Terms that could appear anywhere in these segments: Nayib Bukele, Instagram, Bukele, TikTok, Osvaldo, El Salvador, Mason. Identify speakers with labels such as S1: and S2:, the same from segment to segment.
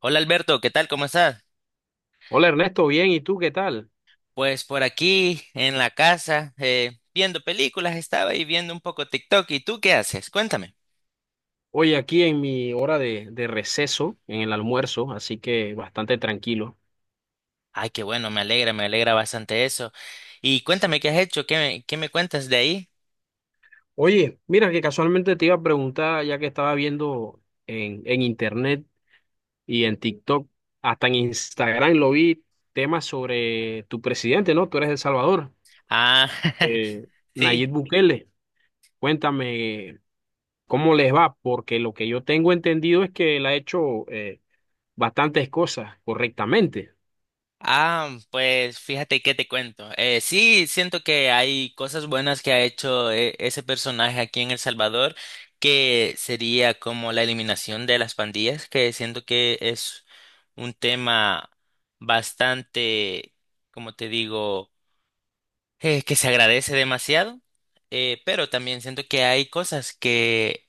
S1: Hola Alberto, ¿qué tal? ¿Cómo estás?
S2: Hola Ernesto, bien, ¿y tú qué tal?
S1: Pues por aquí en la casa, viendo películas, estaba y viendo un poco TikTok. ¿Y tú qué haces? Cuéntame.
S2: Hoy aquí en mi hora de receso, en el almuerzo, así que bastante tranquilo.
S1: Ay, qué bueno, me alegra bastante eso. Y
S2: Sí.
S1: cuéntame qué has hecho, qué me cuentas de ahí.
S2: Oye, mira que casualmente te iba a preguntar, ya que estaba viendo en internet y en TikTok, hasta en Instagram lo vi, temas sobre tu presidente, ¿no? Tú eres de El Salvador,
S1: Ah,
S2: eh,
S1: sí.
S2: Nayib Bukele. Cuéntame cómo les va, porque lo que yo tengo entendido es que él ha hecho bastantes cosas correctamente.
S1: Ah, pues fíjate que te cuento. Sí, siento que hay cosas buenas que ha hecho ese personaje aquí en El Salvador, que sería como la eliminación de las pandillas, que siento que es un tema bastante, como te digo, que se agradece demasiado. Pero también siento que hay cosas que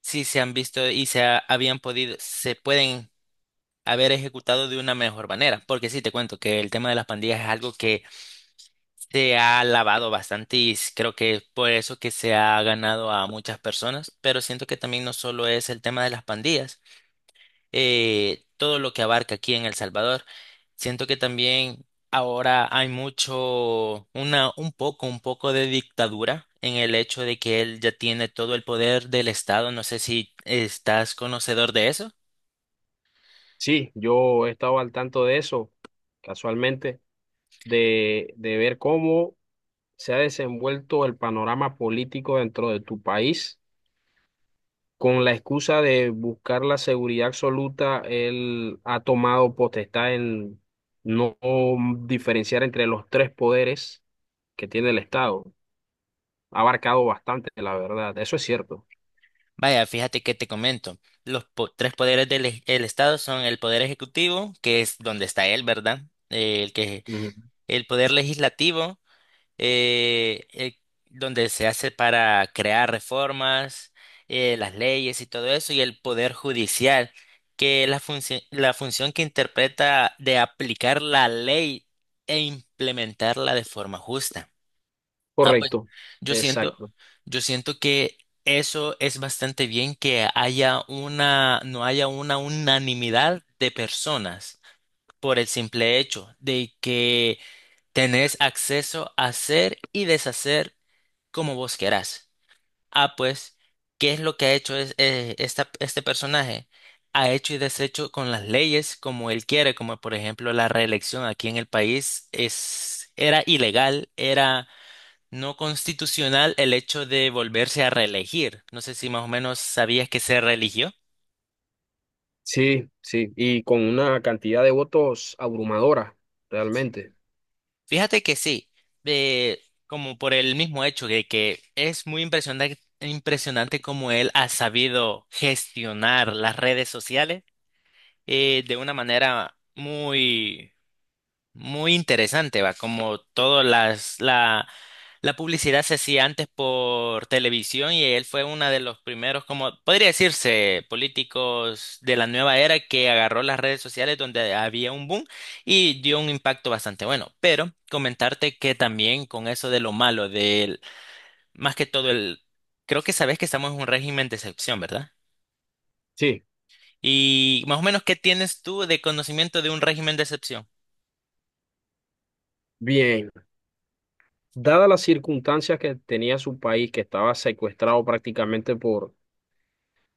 S1: sí se han visto y habían podido, se pueden haber ejecutado de una mejor manera. Porque sí, te cuento que el tema de las pandillas es algo que se ha lavado bastante y creo que es por eso que se ha ganado a muchas personas. Pero siento que también no solo es el tema de las pandillas, todo lo que abarca aquí en El Salvador. Siento que también ahora hay mucho, un poco de dictadura en el hecho de que él ya tiene todo el poder del Estado. No sé si estás conocedor de eso.
S2: Sí, yo he estado al tanto de eso, casualmente, de ver cómo se ha desenvuelto el panorama político dentro de tu país. Con la excusa de buscar la seguridad absoluta, él ha tomado potestad en no diferenciar entre los tres poderes que tiene el Estado. Ha abarcado bastante, la verdad, eso es cierto.
S1: Vaya, fíjate que te comento. Tres poderes del el Estado son el poder ejecutivo, que es donde está él, ¿verdad? Eh, el que
S2: Ujú.
S1: el poder legislativo, eh, eh, donde se hace para crear reformas, las leyes y todo eso, y el poder judicial, que es la función que interpreta de aplicar la ley e implementarla de forma justa. Ah, pues
S2: Correcto,
S1: yo siento,
S2: exacto.
S1: yo siento que eso es bastante bien que haya no haya una unanimidad de personas por el simple hecho de que tenés acceso a hacer y deshacer como vos querás. Ah, pues, ¿qué es lo que este personaje? Ha hecho y deshecho con las leyes como él quiere, como por ejemplo la reelección aquí en el país era ilegal, era no constitucional el hecho de volverse a reelegir. No sé si más o menos sabías que se reeligió.
S2: Sí, sí, y con una cantidad de votos abrumadora, realmente.
S1: Fíjate que sí, eh, como por el mismo hecho de que es impresionante cómo él ha sabido gestionar las redes sociales de una manera muy interesante, va, como la publicidad se hacía antes por televisión y él fue uno de los primeros, como podría decirse, políticos de la nueva era que agarró las redes sociales donde había un boom y dio un impacto bastante bueno. Pero comentarte que también con eso de lo malo, más que todo creo que sabes que estamos en un régimen de excepción, ¿verdad?
S2: Sí,
S1: Y más o menos, ¿qué tienes tú de conocimiento de un régimen de excepción?
S2: bien. Dadas las circunstancias que tenía su país, que estaba secuestrado prácticamente por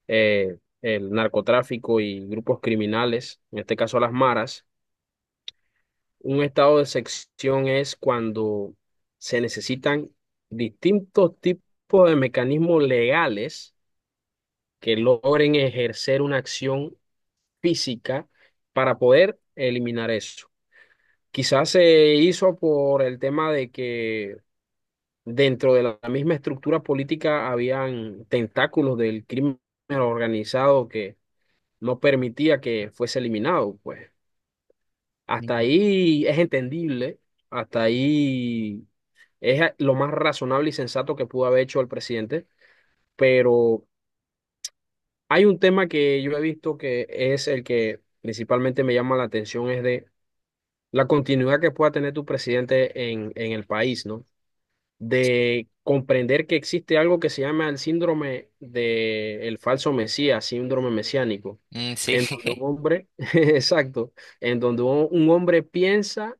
S2: el narcotráfico y grupos criminales, en este caso las maras, un estado de sección es cuando se necesitan distintos tipos de mecanismos legales que logren ejercer una acción física para poder eliminar eso. Quizás se hizo por el tema de que dentro de la misma estructura política habían tentáculos del crimen organizado que no permitía que fuese eliminado, pues. Hasta
S1: Mm,
S2: ahí es entendible, hasta ahí es lo más razonable y sensato que pudo haber hecho el presidente, pero hay un tema que yo he visto que es el que principalmente me llama la atención, es de la continuidad que pueda tener tu presidente en el país, ¿no? De comprender que existe algo que se llama el síndrome de el falso mesías, síndrome mesiánico,
S1: mm, sí.
S2: en donde un hombre, exacto, en donde un hombre piensa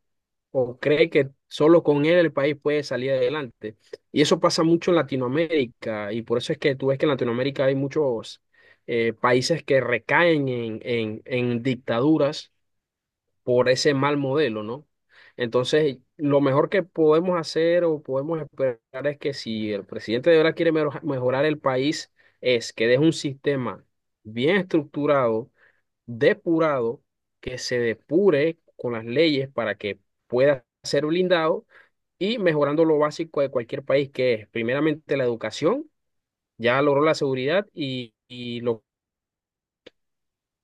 S2: o cree que solo con él el país puede salir adelante. Y eso pasa mucho en Latinoamérica, y por eso es que tú ves que en Latinoamérica hay muchos países que recaen en dictaduras por ese mal modelo, ¿no? Entonces, lo mejor que podemos hacer o podemos esperar es que si el presidente de verdad quiere mejorar el país, es que deje un sistema bien estructurado, depurado, que se depure con las leyes para que pueda ser blindado, y mejorando lo básico de cualquier país, que es primeramente la educación, ya logró la seguridad y lo...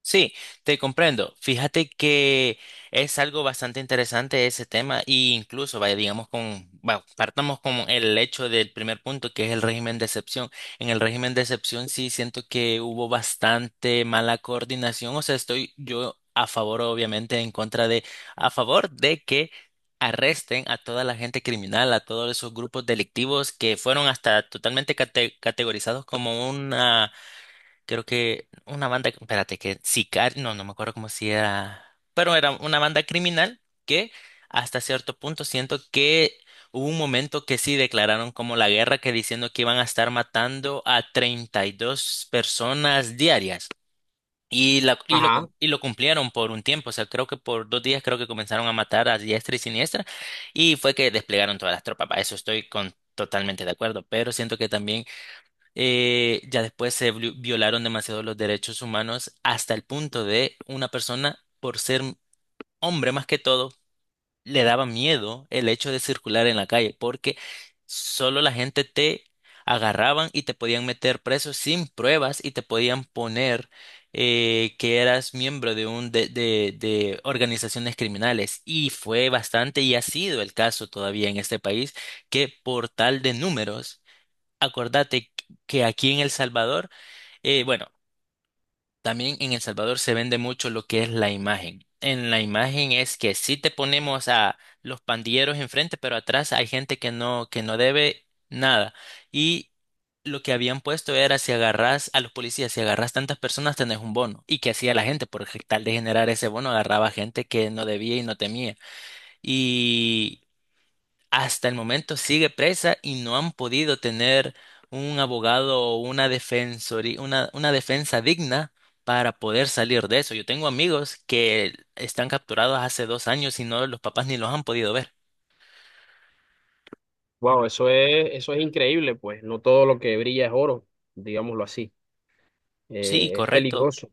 S1: Sí, te comprendo. Fíjate que es algo bastante interesante ese tema e incluso, vaya, digamos, con, bueno, partamos con el hecho del primer punto, que es el régimen de excepción. En el régimen de excepción sí siento que hubo bastante mala coordinación, o sea, estoy yo a favor, obviamente, a favor de que arresten a toda la gente criminal, a todos esos grupos delictivos que fueron hasta totalmente categorizados como una... Creo que una banda, espérate, que Sicario, no me acuerdo cómo si era, pero era una banda criminal que hasta cierto punto siento que hubo un momento que sí declararon como la guerra, que diciendo que iban a estar matando a 32 personas diarias.
S2: Ajá.
S1: Y lo cumplieron por un tiempo, o sea, creo que por 2 días creo que comenzaron a matar a diestra y siniestra y fue que desplegaron todas las tropas, para eso estoy totalmente de acuerdo, pero siento que también ya después se violaron demasiado los derechos humanos hasta el punto de una persona, por ser hombre más que todo, le daba miedo el hecho de circular en la calle porque solo la gente te agarraban y te podían meter preso sin pruebas y te podían poner que eras miembro de de organizaciones criminales y fue bastante y ha sido el caso todavía en este país que por tal de números. Acordate que aquí en El Salvador, eh, bueno, también en El Salvador se vende mucho lo que es la imagen. En la imagen es que sí te ponemos a los pandilleros enfrente, pero atrás hay gente que no debe nada. Y lo que habían puesto era si agarras a los policías, si agarras tantas personas, tenés un bono. ¿Y que hacía la gente? Por tal de generar ese bono, agarraba gente que no debía y no temía, hasta el momento sigue presa y no han podido tener un abogado o una defensoría, una defensa digna para poder salir de eso. Yo tengo amigos que están capturados hace 2 años y no los papás ni los han podido ver.
S2: Wow, eso es increíble, pues. No todo lo que brilla es oro, digámoslo así.
S1: Sí,
S2: Es
S1: correcto.
S2: peligroso.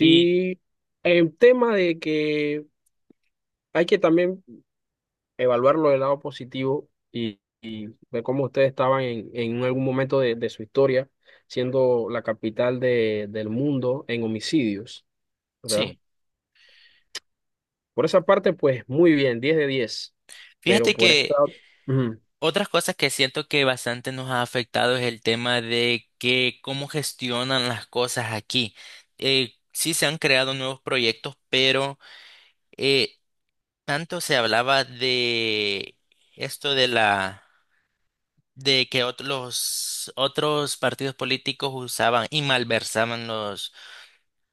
S1: Y
S2: el tema de que hay que también evaluarlo del lado positivo y ver cómo ustedes estaban en algún momento de su historia, siendo la capital del mundo en homicidios, ¿verdad?
S1: sí,
S2: Por esa parte, pues muy bien, 10 de 10. Pero
S1: fíjate
S2: por esta,
S1: que
S2: ujú,
S1: otras cosas que siento que bastante nos ha afectado es el tema de que cómo gestionan las cosas aquí. Sí se han creado nuevos proyectos, pero... eh, tanto se hablaba de esto de que otros partidos políticos usaban y malversaban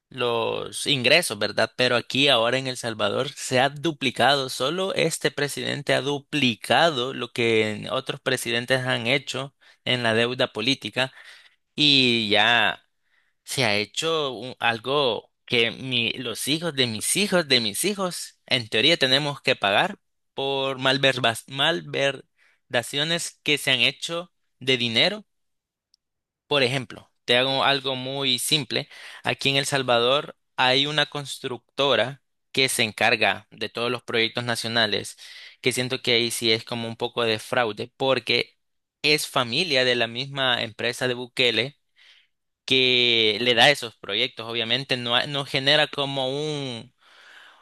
S1: los ingresos, ¿verdad? Pero aquí ahora en El Salvador se ha duplicado, solo este presidente ha duplicado lo que otros presidentes han hecho en la deuda política, y ya se ha hecho algo que los hijos de mis hijos de mis hijos, en teoría tenemos que pagar por malverdaciones que se han hecho de dinero. Por ejemplo, te hago algo muy simple. Aquí en El Salvador hay una constructora que se encarga de todos los proyectos nacionales, que siento que ahí sí es como un poco de fraude, porque es familia de la misma empresa de Bukele que le da esos proyectos. Obviamente no genera como un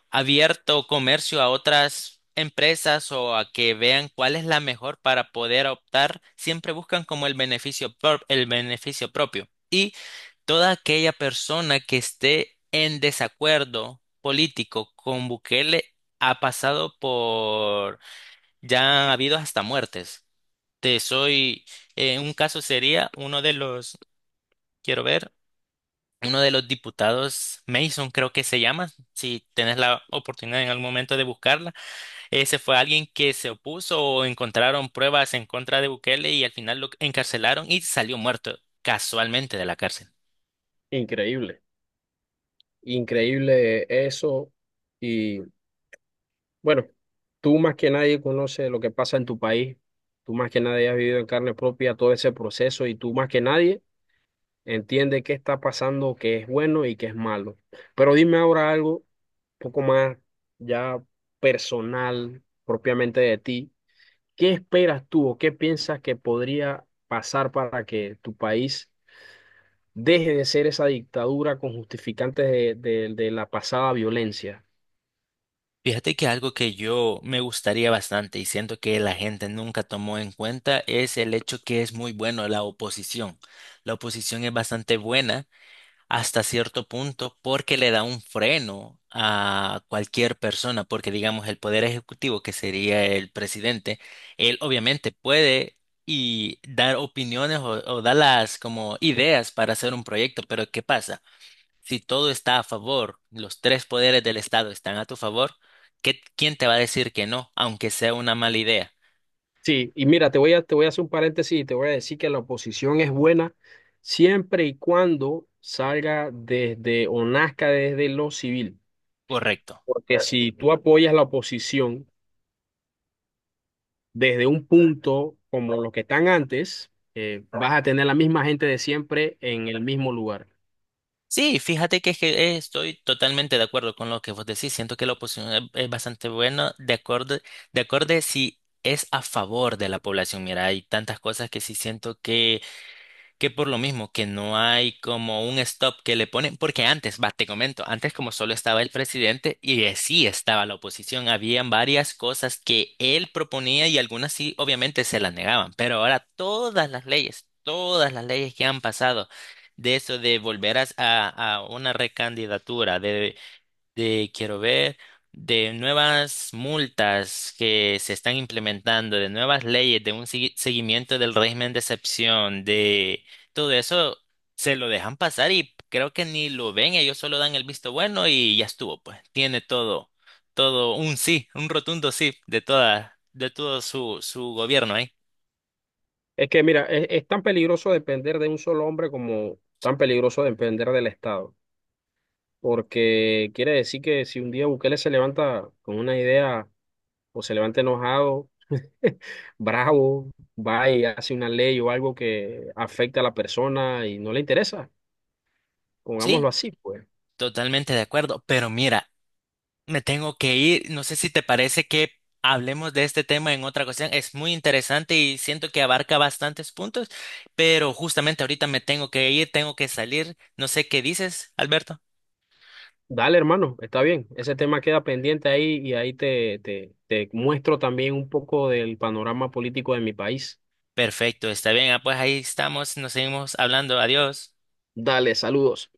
S1: abierto comercio a otras empresas o a que vean cuál es la mejor para poder optar. Siempre buscan como el beneficio, el beneficio propio. Y toda aquella persona que esté en desacuerdo político con Bukele ha pasado por, ya ha habido hasta muertes. Te soy, un caso sería quiero ver, uno de los diputados, Mason creo que se llama, si tenés la oportunidad en algún momento de buscarla, ese fue alguien que se opuso o encontraron pruebas en contra de Bukele y al final lo encarcelaron y salió muerto casualmente de la cárcel.
S2: increíble, increíble eso. Bueno, tú más que nadie conoces lo que pasa en tu país, tú más que nadie has vivido en carne propia todo ese proceso y tú más que nadie entiende qué está pasando, qué es bueno y qué es malo. Pero dime ahora algo un poco más ya personal, propiamente de ti. ¿Qué esperas tú o qué piensas que podría pasar para que tu país deje de ser esa dictadura con justificantes de la pasada violencia?
S1: Fíjate que algo que yo me gustaría bastante y siento que la gente nunca tomó en cuenta es el hecho que es muy bueno la oposición. La oposición es bastante buena hasta cierto punto porque le da un freno a cualquier persona, porque digamos el poder ejecutivo, que sería el presidente, él obviamente puede y dar opiniones o dar las como ideas para hacer un proyecto, pero ¿qué pasa? Si todo está a favor, los tres poderes del Estado están a tu favor, ¿quién te va a decir que no, aunque sea una mala idea?
S2: Sí, y mira, te voy a hacer un paréntesis y te voy a decir que la oposición es buena siempre y cuando salga desde o nazca desde lo civil.
S1: Correcto.
S2: Porque si tú apoyas la oposición desde un punto como los que están antes, vas a tener la misma gente de siempre en el mismo lugar.
S1: Sí, fíjate que, estoy totalmente de acuerdo con lo que vos decís. Siento que es bastante buena, de acuerdo si es a favor de la población. Mira, hay tantas cosas que sí siento que por lo mismo que no hay como un stop que le ponen, porque antes, va, te comento, antes como solo estaba el presidente y sí estaba la oposición, habían varias cosas que él proponía y algunas sí, obviamente se las negaban, pero ahora todas las leyes que han pasado de eso de volver a una recandidatura, de quiero ver, de nuevas multas que se están implementando, de nuevas leyes, de un seguimiento del régimen de excepción, de todo eso, se lo dejan pasar y creo que ni lo ven, ellos solo dan el visto bueno y ya estuvo, pues tiene todo un sí, un rotundo sí de de todo su gobierno ahí.
S2: Es que mira, es tan peligroso depender de un solo hombre como tan peligroso depender del Estado. Porque quiere decir que si un día Bukele se levanta con una idea o se levanta enojado, bravo, va y hace una ley o algo que afecta a la persona y no le interesa. Pongámoslo
S1: Sí,
S2: así, pues.
S1: totalmente de acuerdo, pero mira, me tengo que ir. No sé si te parece que hablemos de este tema en otra ocasión. Es muy interesante y siento que abarca bastantes puntos, pero justamente ahorita me tengo que ir, tengo que salir. No sé qué dices, Alberto.
S2: Dale, hermano, está bien. Ese tema queda pendiente ahí y ahí te muestro también un poco del panorama político de mi país.
S1: Perfecto, está bien. Ah, pues ahí estamos, nos seguimos hablando. Adiós.
S2: Dale, saludos.